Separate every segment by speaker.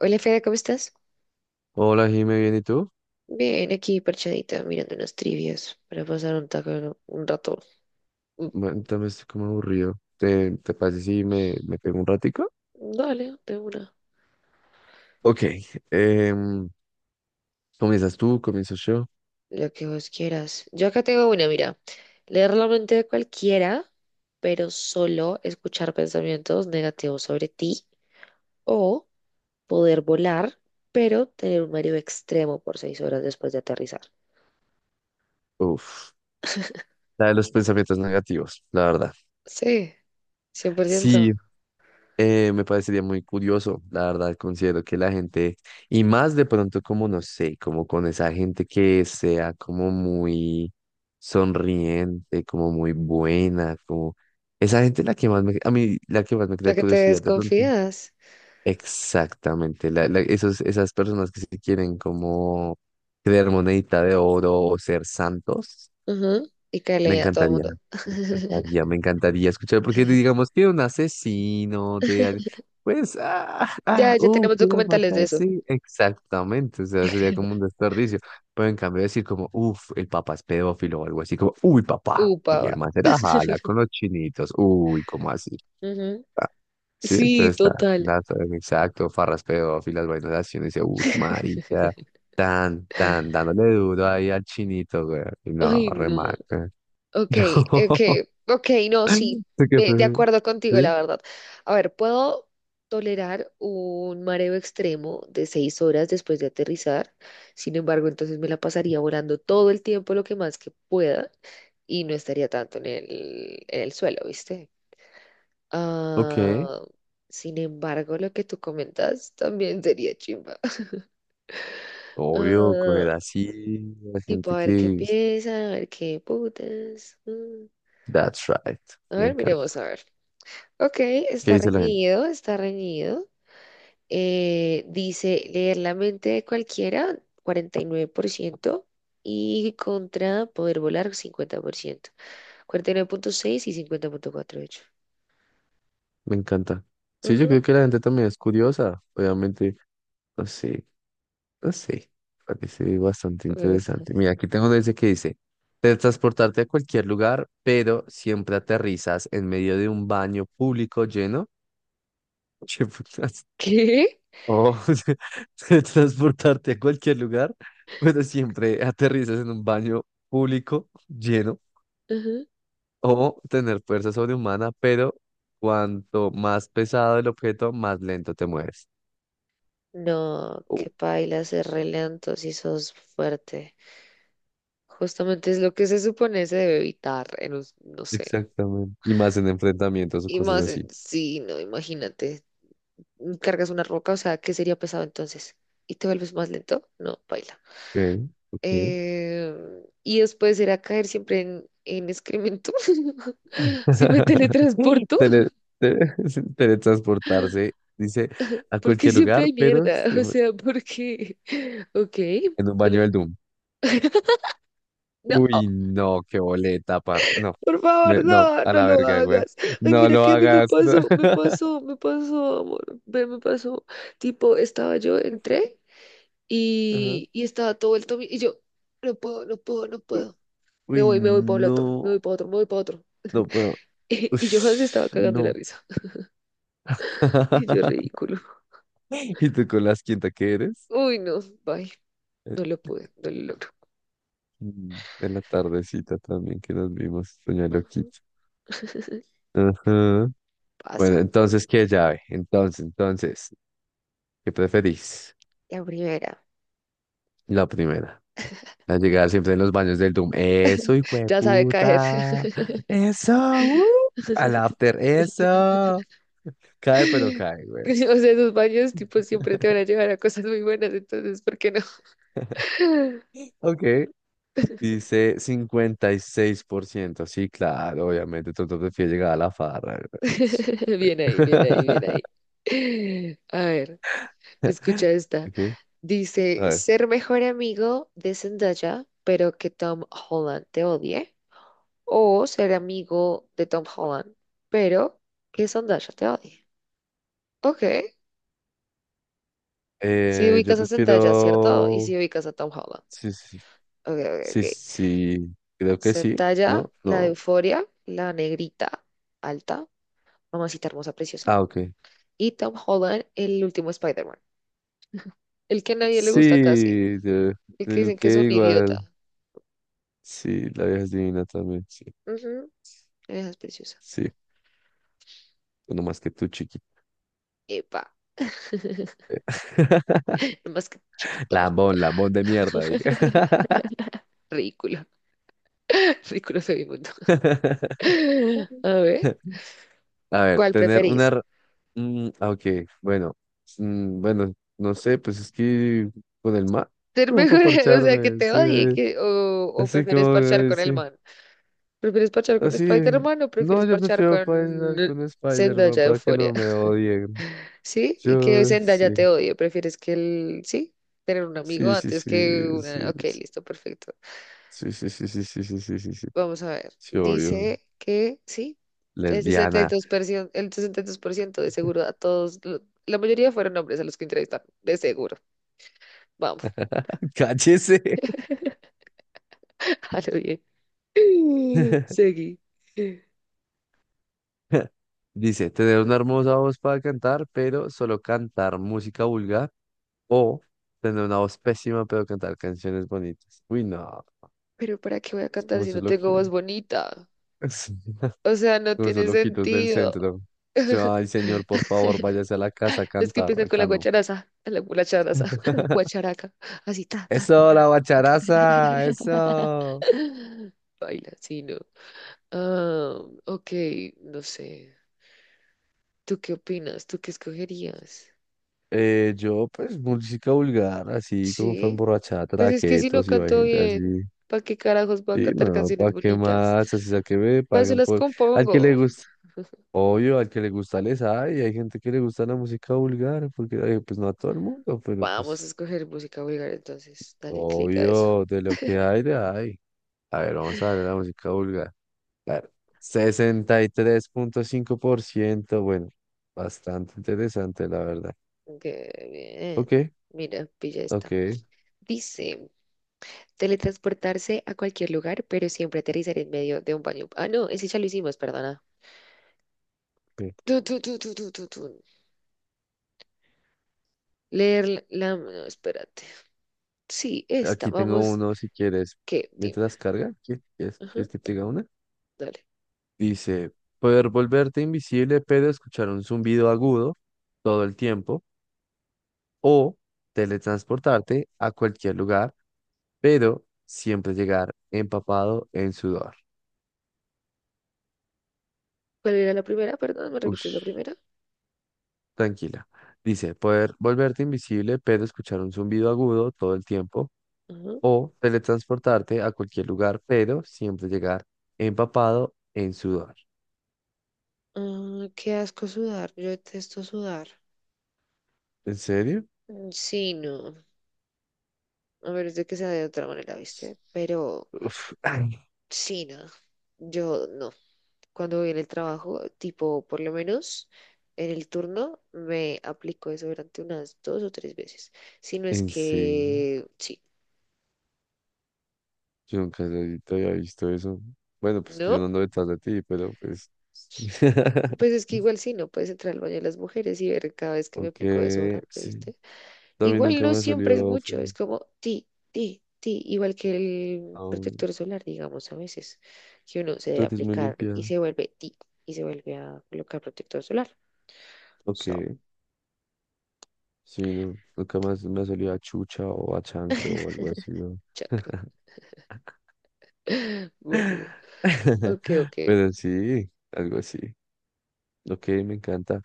Speaker 1: Hola Fede, ¿cómo estás?
Speaker 2: Hola, Jime, ¿bien y tú?
Speaker 1: Bien, aquí parchadita, mirando unas trivias para pasar un rato. Mm.
Speaker 2: Bueno, también estoy como aburrido. ¿Te parece si me pego un ratico?
Speaker 1: Dale, de una.
Speaker 2: Ok, em, ¿comienzas tú? ¿Comienzo yo?
Speaker 1: Lo que vos quieras. Yo acá tengo una, mira. Leer la mente de cualquiera, pero solo escuchar pensamientos negativos sobre ti. O poder volar, pero tener un mareo extremo por 6 horas después de aterrizar.
Speaker 2: Uf, la de los pensamientos negativos, la verdad.
Speaker 1: Sí, cien por
Speaker 2: Sí,
Speaker 1: ciento.
Speaker 2: me parecería muy curioso, la verdad, considero que la gente, y más de pronto como, no sé, como con esa gente que sea como muy sonriente, como muy buena, como esa gente la que más me, a mí la que más me
Speaker 1: La
Speaker 2: crea
Speaker 1: que te
Speaker 2: curiosidad de pronto.
Speaker 1: desconfías.
Speaker 2: Exactamente, esos, esas personas que se quieren como creer monedita de oro o ser santos,
Speaker 1: Ujú. Y que
Speaker 2: me
Speaker 1: le a todo el
Speaker 2: encantaría,
Speaker 1: mundo.
Speaker 2: me encantaría, me encantaría escuchar, porque digamos que un asesino de al- pues,
Speaker 1: Ya, ya tenemos
Speaker 2: quiero
Speaker 1: documentales
Speaker 2: matar,
Speaker 1: de eso.
Speaker 2: sí, exactamente, o sea, sería como un desperdicio, pero en cambio decir como, uff, el papá es pedófilo o algo así, como, uy, papá, uy,
Speaker 1: Upa,
Speaker 2: el
Speaker 1: va.
Speaker 2: man se la jala con los chinitos, uy, como así.
Speaker 1: Ujú.
Speaker 2: Sí,
Speaker 1: Sí,
Speaker 2: entonces está,
Speaker 1: total.
Speaker 2: dato exacto, farraspeo, filas vainas, y uno dice, uff, marica, tan, tan, dándole duro ahí al chinito, güey. Y no,
Speaker 1: Ay, no.
Speaker 2: remarca.
Speaker 1: Ok, ok,
Speaker 2: No.
Speaker 1: ok, no, sí.
Speaker 2: ¿Tú qué
Speaker 1: De
Speaker 2: prefieres?
Speaker 1: acuerdo contigo,
Speaker 2: ¿Sí?
Speaker 1: la verdad. A ver, puedo tolerar un mareo extremo de 6 horas después de aterrizar. Sin embargo, entonces me la pasaría volando todo el tiempo lo que más que pueda y no estaría tanto en el suelo, ¿viste?
Speaker 2: Ok,
Speaker 1: Ah, sin embargo, lo que tú comentas también sería chimba.
Speaker 2: obvio, coger así, la
Speaker 1: Tipo,
Speaker 2: gente
Speaker 1: a ver qué
Speaker 2: que,
Speaker 1: piensan, a ver qué putas. Mm.
Speaker 2: that's right,
Speaker 1: A
Speaker 2: me
Speaker 1: ver,
Speaker 2: encanta.
Speaker 1: miremos, a ver. Ok,
Speaker 2: ¿Qué
Speaker 1: está
Speaker 2: dice la gente?
Speaker 1: reñido, está reñido. Dice leer la mente de cualquiera, 49% y contra poder volar, 50%. Cuarenta y nueve punto seis y 50,48.
Speaker 2: Me encanta. Sí, yo
Speaker 1: Ujú,
Speaker 2: creo que la gente también es curiosa, obviamente, no sé. No sé, parece bastante
Speaker 1: me gusta.
Speaker 2: interesante. Mira, aquí tengo desde que dice, transportarte a cualquier lugar, pero siempre aterrizas en medio de un baño público lleno. ¿Qué putas?
Speaker 1: ¿Qué?
Speaker 2: Oh, transportarte a cualquier lugar, pero siempre aterrizas en un baño público lleno.
Speaker 1: Ujú.
Speaker 2: O tener fuerza sobrehumana, pero cuanto más pesado el objeto, más lento te mueves.
Speaker 1: No,
Speaker 2: Oh,
Speaker 1: qué paila ser re lento si sos fuerte. Justamente es lo que se supone se debe evitar en un, no sé.
Speaker 2: exactamente. Y más en enfrentamientos o
Speaker 1: Y
Speaker 2: cosas
Speaker 1: más,
Speaker 2: así.
Speaker 1: sí, no, imagínate, cargas una roca, o sea, ¿qué sería pesado entonces? ¿Y te vuelves más lento? No, baila.
Speaker 2: Ok, ok.
Speaker 1: Y después era caer siempre en excremento. Si me teletransporto,
Speaker 2: Tele- te- teletransportarse, dice, a
Speaker 1: porque
Speaker 2: cualquier
Speaker 1: siempre
Speaker 2: lugar,
Speaker 1: hay
Speaker 2: pero
Speaker 1: mierda,
Speaker 2: se-
Speaker 1: o sea, porque, ok,
Speaker 2: en un baño
Speaker 1: vale.
Speaker 2: del Doom.
Speaker 1: No,
Speaker 2: Uy, no, qué boleta, parce. No,
Speaker 1: por favor,
Speaker 2: no,
Speaker 1: no,
Speaker 2: a
Speaker 1: no
Speaker 2: la
Speaker 1: lo
Speaker 2: verga, güey.
Speaker 1: hagas. Ay,
Speaker 2: No
Speaker 1: mira
Speaker 2: lo
Speaker 1: que a mí me
Speaker 2: hagas. No.
Speaker 1: pasó, me pasó, me pasó, amor, ve, me pasó. Tipo, estaba yo, entré.
Speaker 2: Ajá.
Speaker 1: Y estaba todo vuelto y yo, no puedo, no puedo, no
Speaker 2: U-
Speaker 1: puedo.
Speaker 2: Uy,
Speaker 1: Me voy para el
Speaker 2: no,
Speaker 1: otro, me voy para otro, me voy para otro.
Speaker 2: no puedo.
Speaker 1: Y yo se estaba
Speaker 2: Ush,
Speaker 1: cagando la
Speaker 2: no.
Speaker 1: risa. Y yo, ridículo.
Speaker 2: ¿Y tú con las quinta que eres?
Speaker 1: Uy, no, bye.
Speaker 2: Eh,
Speaker 1: No lo pude, no lo logro.
Speaker 2: En la tardecita también que nos vimos, Doña
Speaker 1: Ujú.
Speaker 2: Loquita. Ajá. Bueno,
Speaker 1: Pasa,
Speaker 2: entonces, ¿qué llave? Entonces, entonces, ¿qué preferís?
Speaker 1: la primera.
Speaker 2: La primera. La llegar siempre en los baños del Doom. Eso, hijo de
Speaker 1: Ya sabe caer.
Speaker 2: puta. Eso, al after, eso. Cae, pero cae, güey.
Speaker 1: O sea, esos baños, tipo, siempre te van a llevar a cosas muy buenas, entonces, ¿por qué no?
Speaker 2: Ok. Dice 56%. Sí, claro, obviamente. Tú te prefieres llegar a la farra, güey.
Speaker 1: Bien ahí, bien ahí, bien ahí. A ver. Escucha esta.
Speaker 2: Ok. A
Speaker 1: Dice,
Speaker 2: ver.
Speaker 1: ser mejor amigo de Zendaya, pero que Tom Holland te odie. O ser amigo de Tom Holland, pero que Zendaya te odie. Ok. Si
Speaker 2: Yo
Speaker 1: ubicas a Zendaya, ¿cierto? Y
Speaker 2: prefiero.
Speaker 1: si ubicas a Tom Holland.
Speaker 2: Sí, sí, sí.
Speaker 1: Ok, ok, ok.
Speaker 2: Sí, sí, creo que sí,
Speaker 1: Zendaya,
Speaker 2: ¿no?
Speaker 1: la de
Speaker 2: No.
Speaker 1: Euforia, la negrita, alta, mamacita hermosa, preciosa.
Speaker 2: Ah, ok.
Speaker 1: Y Tom Holland, el último Spider-Man. El que a nadie le gusta casi.
Speaker 2: Sí, yo
Speaker 1: El que
Speaker 2: digo
Speaker 1: dicen que
Speaker 2: que
Speaker 1: es un
Speaker 2: igual.
Speaker 1: idiota.
Speaker 2: Sí, la vieja es divina también, sí.
Speaker 1: Ujú. Esa es preciosa.
Speaker 2: Sí, no más que tú, chiqui.
Speaker 1: Epa. Más que chiquito,
Speaker 2: Lambón, lambón de mierda, diga.
Speaker 1: ridículo, ridículo soy mundo. A ver,
Speaker 2: A ver,
Speaker 1: ¿cuál
Speaker 2: tener una...
Speaker 1: preferís?
Speaker 2: re- ok, bueno. Bueno, no sé, pues es que con el mar,
Speaker 1: ¿Ser
Speaker 2: como para
Speaker 1: mejor, o sea, que
Speaker 2: parcharme,
Speaker 1: te
Speaker 2: sí,
Speaker 1: odie que, o
Speaker 2: así
Speaker 1: prefieres
Speaker 2: como,
Speaker 1: parchar con el
Speaker 2: sí.
Speaker 1: man? ¿Prefieres parchar con
Speaker 2: Así,
Speaker 1: Spider-Man o
Speaker 2: no,
Speaker 1: prefieres
Speaker 2: yo
Speaker 1: parchar
Speaker 2: prefiero
Speaker 1: con
Speaker 2: bailar con
Speaker 1: Zendaya de
Speaker 2: Spider-Man para que
Speaker 1: Euphoria?
Speaker 2: no me odien.
Speaker 1: ¿Sí? Y que
Speaker 2: Yo, sí,
Speaker 1: Zendaya te odie, ¿prefieres que él, sí? Tener un amigo
Speaker 2: sí, sí,
Speaker 1: antes
Speaker 2: sí,
Speaker 1: que
Speaker 2: sí,
Speaker 1: una... Ok, listo, perfecto.
Speaker 2: sí, sí, sí, sí, sí, sí, sí, sí, sí,
Speaker 1: Vamos a ver.
Speaker 2: sí, obvio.
Speaker 1: Dice que sí. El
Speaker 2: Lesbiana,
Speaker 1: 62%, el 62% de seguro a todos, la mayoría fueron hombres a los que entrevistaron, de seguro. Vamos,
Speaker 2: cállese.
Speaker 1: a lo bien. Seguí.
Speaker 2: Dice, tener una hermosa voz para cantar, pero solo cantar música vulgar, o tener una voz pésima, pero cantar canciones bonitas. Uy, no,
Speaker 1: Pero ¿para qué voy a
Speaker 2: es
Speaker 1: cantar
Speaker 2: como
Speaker 1: si
Speaker 2: eso
Speaker 1: no
Speaker 2: es lo
Speaker 1: tengo
Speaker 2: que...
Speaker 1: voz bonita?
Speaker 2: Sí.
Speaker 1: O sea, no
Speaker 2: Con esos
Speaker 1: tiene
Speaker 2: loquitos del
Speaker 1: sentido.
Speaker 2: centro. Yo, ay, señor, por favor, váyase a la casa a
Speaker 1: Los que
Speaker 2: cantar.
Speaker 1: empiezan con
Speaker 2: Acá no.
Speaker 1: la guacharaza, guacharaca, así, ta, ta, ta,
Speaker 2: Eso,
Speaker 1: ta.
Speaker 2: la bacharaza, eso.
Speaker 1: Baila, sí, no. Ah, ok, no sé. ¿Tú qué opinas? ¿Tú qué escogerías?
Speaker 2: Yo, pues, música vulgar, así como fue
Speaker 1: Sí,
Speaker 2: emborrachada,
Speaker 1: pues es que si no
Speaker 2: traquetos, y hay
Speaker 1: canto
Speaker 2: gente
Speaker 1: bien,
Speaker 2: así.
Speaker 1: ¿para qué carajos voy a
Speaker 2: Sí,
Speaker 1: cantar
Speaker 2: no,
Speaker 1: canciones
Speaker 2: ¿para qué
Speaker 1: bonitas?
Speaker 2: más? Así sea que me
Speaker 1: Para eso
Speaker 2: paguen
Speaker 1: las
Speaker 2: por. Al que le
Speaker 1: compongo.
Speaker 2: gusta, obvio, al que le gusta les hay. Hay gente que le gusta la música vulgar, porque, pues, no a todo el mundo, pero
Speaker 1: Vamos a
Speaker 2: pues,
Speaker 1: escoger música vulgar, entonces dale clic a eso.
Speaker 2: obvio, de lo que hay, de hay. A ver, vamos a ver la música vulgar. Claro. 63,5%, bueno, bastante interesante, la verdad.
Speaker 1: Qué bien.
Speaker 2: Ok,
Speaker 1: Mira, pilla esta.
Speaker 2: ok,
Speaker 1: Dice, teletransportarse a cualquier lugar, pero siempre aterrizar en medio de un baño. Ah, no, ese ya lo hicimos, perdona.
Speaker 2: ok.
Speaker 1: Tu, tu, tu, tu, tu, tu, tu. Leer la... No, espérate. Sí, esta,
Speaker 2: Aquí tengo
Speaker 1: vamos.
Speaker 2: uno si quieres.
Speaker 1: ¿Qué? Dime.
Speaker 2: Mientras carga, ¿quieres,
Speaker 1: Ajá,
Speaker 2: quieres que te diga una?
Speaker 1: dale.
Speaker 2: Dice, poder volverte invisible pero escuchar un zumbido agudo todo el tiempo o teletransportarte a cualquier lugar pero siempre llegar empapado en sudor.
Speaker 1: ¿Cuál era la primera? Perdón, ¿me repites la
Speaker 2: Ush.
Speaker 1: primera?
Speaker 2: Tranquila. Dice, poder volverte invisible, pero escuchar un zumbido agudo todo el tiempo,
Speaker 1: Ajá.
Speaker 2: o teletransportarte a cualquier lugar, pero siempre llegar empapado en sudor.
Speaker 1: Ah, qué asco sudar. Yo detesto sudar.
Speaker 2: ¿En serio?
Speaker 1: Mm, sí, no. A menos de que sea de otra manera, ¿viste? Pero
Speaker 2: Uf, ay,
Speaker 1: sí, no. Yo no. Cuando voy en el trabajo, tipo, por lo menos en el turno, me aplico eso durante unas dos o tres veces. Si no es
Speaker 2: ¿en serio?
Speaker 1: que sí,
Speaker 2: Yo nunca había visto eso. Bueno, pues que yo no
Speaker 1: ¿no?
Speaker 2: ando detrás de ti, pero pues...
Speaker 1: Pues es que igual sí, no puedes entrar al baño de las mujeres y ver cada vez que me
Speaker 2: Ok,
Speaker 1: aplico desodorante,
Speaker 2: sí.
Speaker 1: ¿viste?
Speaker 2: A mí
Speaker 1: Igual
Speaker 2: nunca
Speaker 1: no
Speaker 2: me ha
Speaker 1: siempre es
Speaker 2: salido
Speaker 1: mucho, es
Speaker 2: feo.
Speaker 1: como ti, ti, ti, igual que el
Speaker 2: No,
Speaker 1: protector solar, digamos, a veces, que uno se
Speaker 2: tú
Speaker 1: debe
Speaker 2: eres muy
Speaker 1: aplicar y
Speaker 2: limpia.
Speaker 1: se vuelve ti y se vuelve a colocar protector solar.
Speaker 2: Ok.
Speaker 1: So,
Speaker 2: Sí, no, nunca más me ha salido a chucha o a chancro o algo así, ¿no?
Speaker 1: chakra. Boludo. Ok, ok.
Speaker 2: Pero sí, algo así. Ok, me encanta.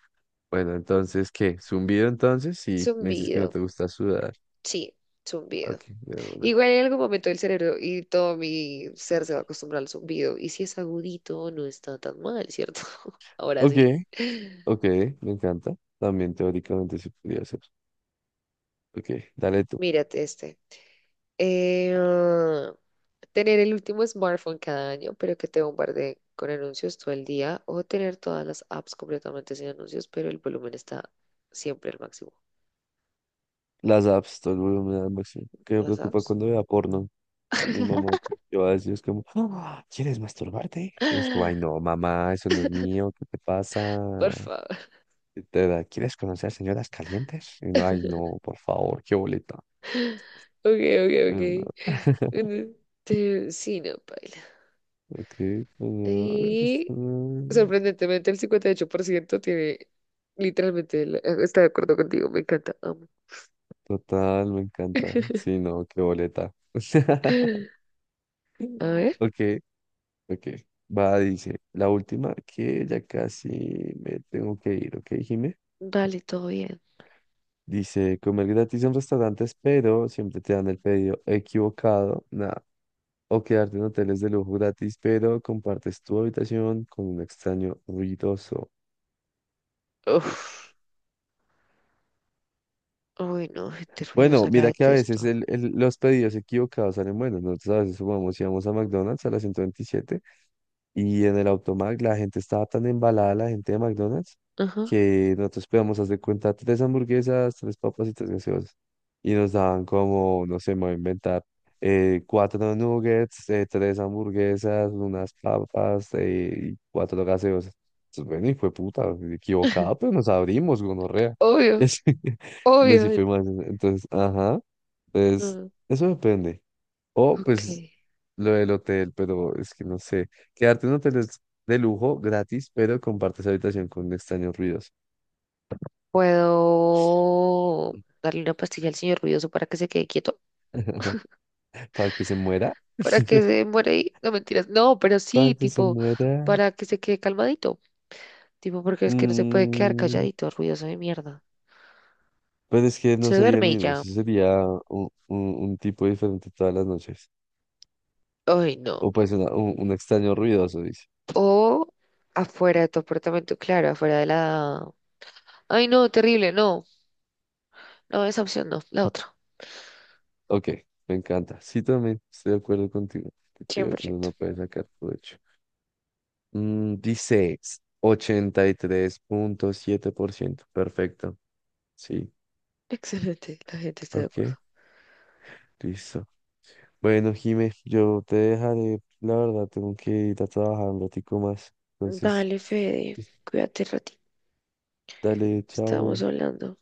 Speaker 2: Bueno, entonces, ¿qué? ¿Zumbido entonces? Si me dices que no
Speaker 1: Zumbido.
Speaker 2: te gusta sudar.
Speaker 1: Sí, zumbido.
Speaker 2: Ok, de una.
Speaker 1: Igual en algún momento el cerebro y todo mi ser se va a acostumbrar al zumbido. Y si es agudito, no está tan mal, ¿cierto? Ahora
Speaker 2: Ok,
Speaker 1: sí.
Speaker 2: ok, me encanta. También teóricamente se podría hacer. Ok, dale tú.
Speaker 1: Mírate este. Eh, Tener el último smartphone cada año, pero que te bombardee con anuncios todo el día, o tener todas las apps completamente sin anuncios, pero el volumen está siempre al máximo.
Speaker 2: Las apps, todo el volumen al máximo. Que me
Speaker 1: Las
Speaker 2: preocupa
Speaker 1: apps.
Speaker 2: cuando vea porno. Y mi mamá yo así es como, "Ah, ¿quieres masturbarte?". Y es como, ay no, mamá, eso no es mío, ¿qué te pasa?
Speaker 1: Por favor.
Speaker 2: Y te da, ¿quieres conocer señoras calientes? Y no, ay no, por favor, qué boleta.
Speaker 1: Ok, ok, ok.
Speaker 2: Mm,
Speaker 1: Mm, sí, no, paila.
Speaker 2: Ok, mm,
Speaker 1: Y
Speaker 2: mm,
Speaker 1: sorprendentemente el 58% tiene literalmente está de acuerdo contigo, me encanta, amo.
Speaker 2: total, me encanta. Sí, no, qué boleta.
Speaker 1: A ver,
Speaker 2: Ok, ok. Va, dice, la última que ya casi me tengo que ir, ¿ok, Jime?
Speaker 1: vale, todo bien.
Speaker 2: Dice, comer gratis en restaurantes, pero siempre te dan el pedido equivocado. Nada. O quedarte en hoteles de lujo gratis, pero compartes tu habitación con un extraño ruidoso.
Speaker 1: Uf.
Speaker 2: Ush.
Speaker 1: Uy, no, gente
Speaker 2: Bueno,
Speaker 1: ruidosa, la
Speaker 2: mira que a veces
Speaker 1: detesto.
Speaker 2: los pedidos equivocados salen buenos. Nosotros a veces sumamos y vamos a McDonald's a las 127. Y en el Automac la gente estaba tan embalada, la gente de McDonald's,
Speaker 1: Ajá.
Speaker 2: que nosotros podíamos hacer cuenta tres hamburguesas, tres papas y tres gaseosas. Y nos daban como, no sé, me voy a inventar, cuatro nuggets, tres hamburguesas, unas papas y cuatro gaseosas. Entonces, bueno, y fue puta, equivocada, pero nos abrimos, gonorrea. Y
Speaker 1: Obvio,
Speaker 2: así, así
Speaker 1: obvio.
Speaker 2: fue más. Entonces, ajá, pues
Speaker 1: No.
Speaker 2: eso depende. O
Speaker 1: Ok.
Speaker 2: pues lo del hotel, pero es que no sé. Quedarte en un hotel es de lujo, gratis, pero compartes habitación con extraños ruidos.
Speaker 1: ¿Puedo darle una pastilla al señor ruidoso para que se quede quieto?
Speaker 2: Para que se muera.
Speaker 1: ¿Para que se muera ahí? No, mentiras. No, pero
Speaker 2: Para
Speaker 1: sí,
Speaker 2: que se
Speaker 1: tipo,
Speaker 2: muera.
Speaker 1: para que se quede calmadito. Tipo, porque es que no se puede quedar
Speaker 2: Mm,
Speaker 1: calladito, ruidoso de mierda.
Speaker 2: pero es que no
Speaker 1: Se
Speaker 2: sería el
Speaker 1: duerme y
Speaker 2: mismo.
Speaker 1: ya.
Speaker 2: Sí sería un, un tipo diferente todas las noches.
Speaker 1: Ay, no.
Speaker 2: O pues un extraño ruidoso, dice.
Speaker 1: O afuera de tu apartamento, claro, afuera de la... Ay, no, terrible, no. No, esa opción no, la otra.
Speaker 2: Ok, me encanta. Sí, también estoy de acuerdo contigo. Que te
Speaker 1: Cien
Speaker 2: digo
Speaker 1: por
Speaker 2: que uno
Speaker 1: ciento.
Speaker 2: no puede sacar provecho. Dice 83,7%. Perfecto. Sí,
Speaker 1: Excelente, la gente está de
Speaker 2: ok,
Speaker 1: acuerdo.
Speaker 2: listo. Bueno, Jime, yo te dejaré, la verdad, tengo que ir a trabajar un ratico más. Entonces,
Speaker 1: Dale, Fede, cuídate ratito.
Speaker 2: dale,
Speaker 1: Estamos
Speaker 2: chao.
Speaker 1: hablando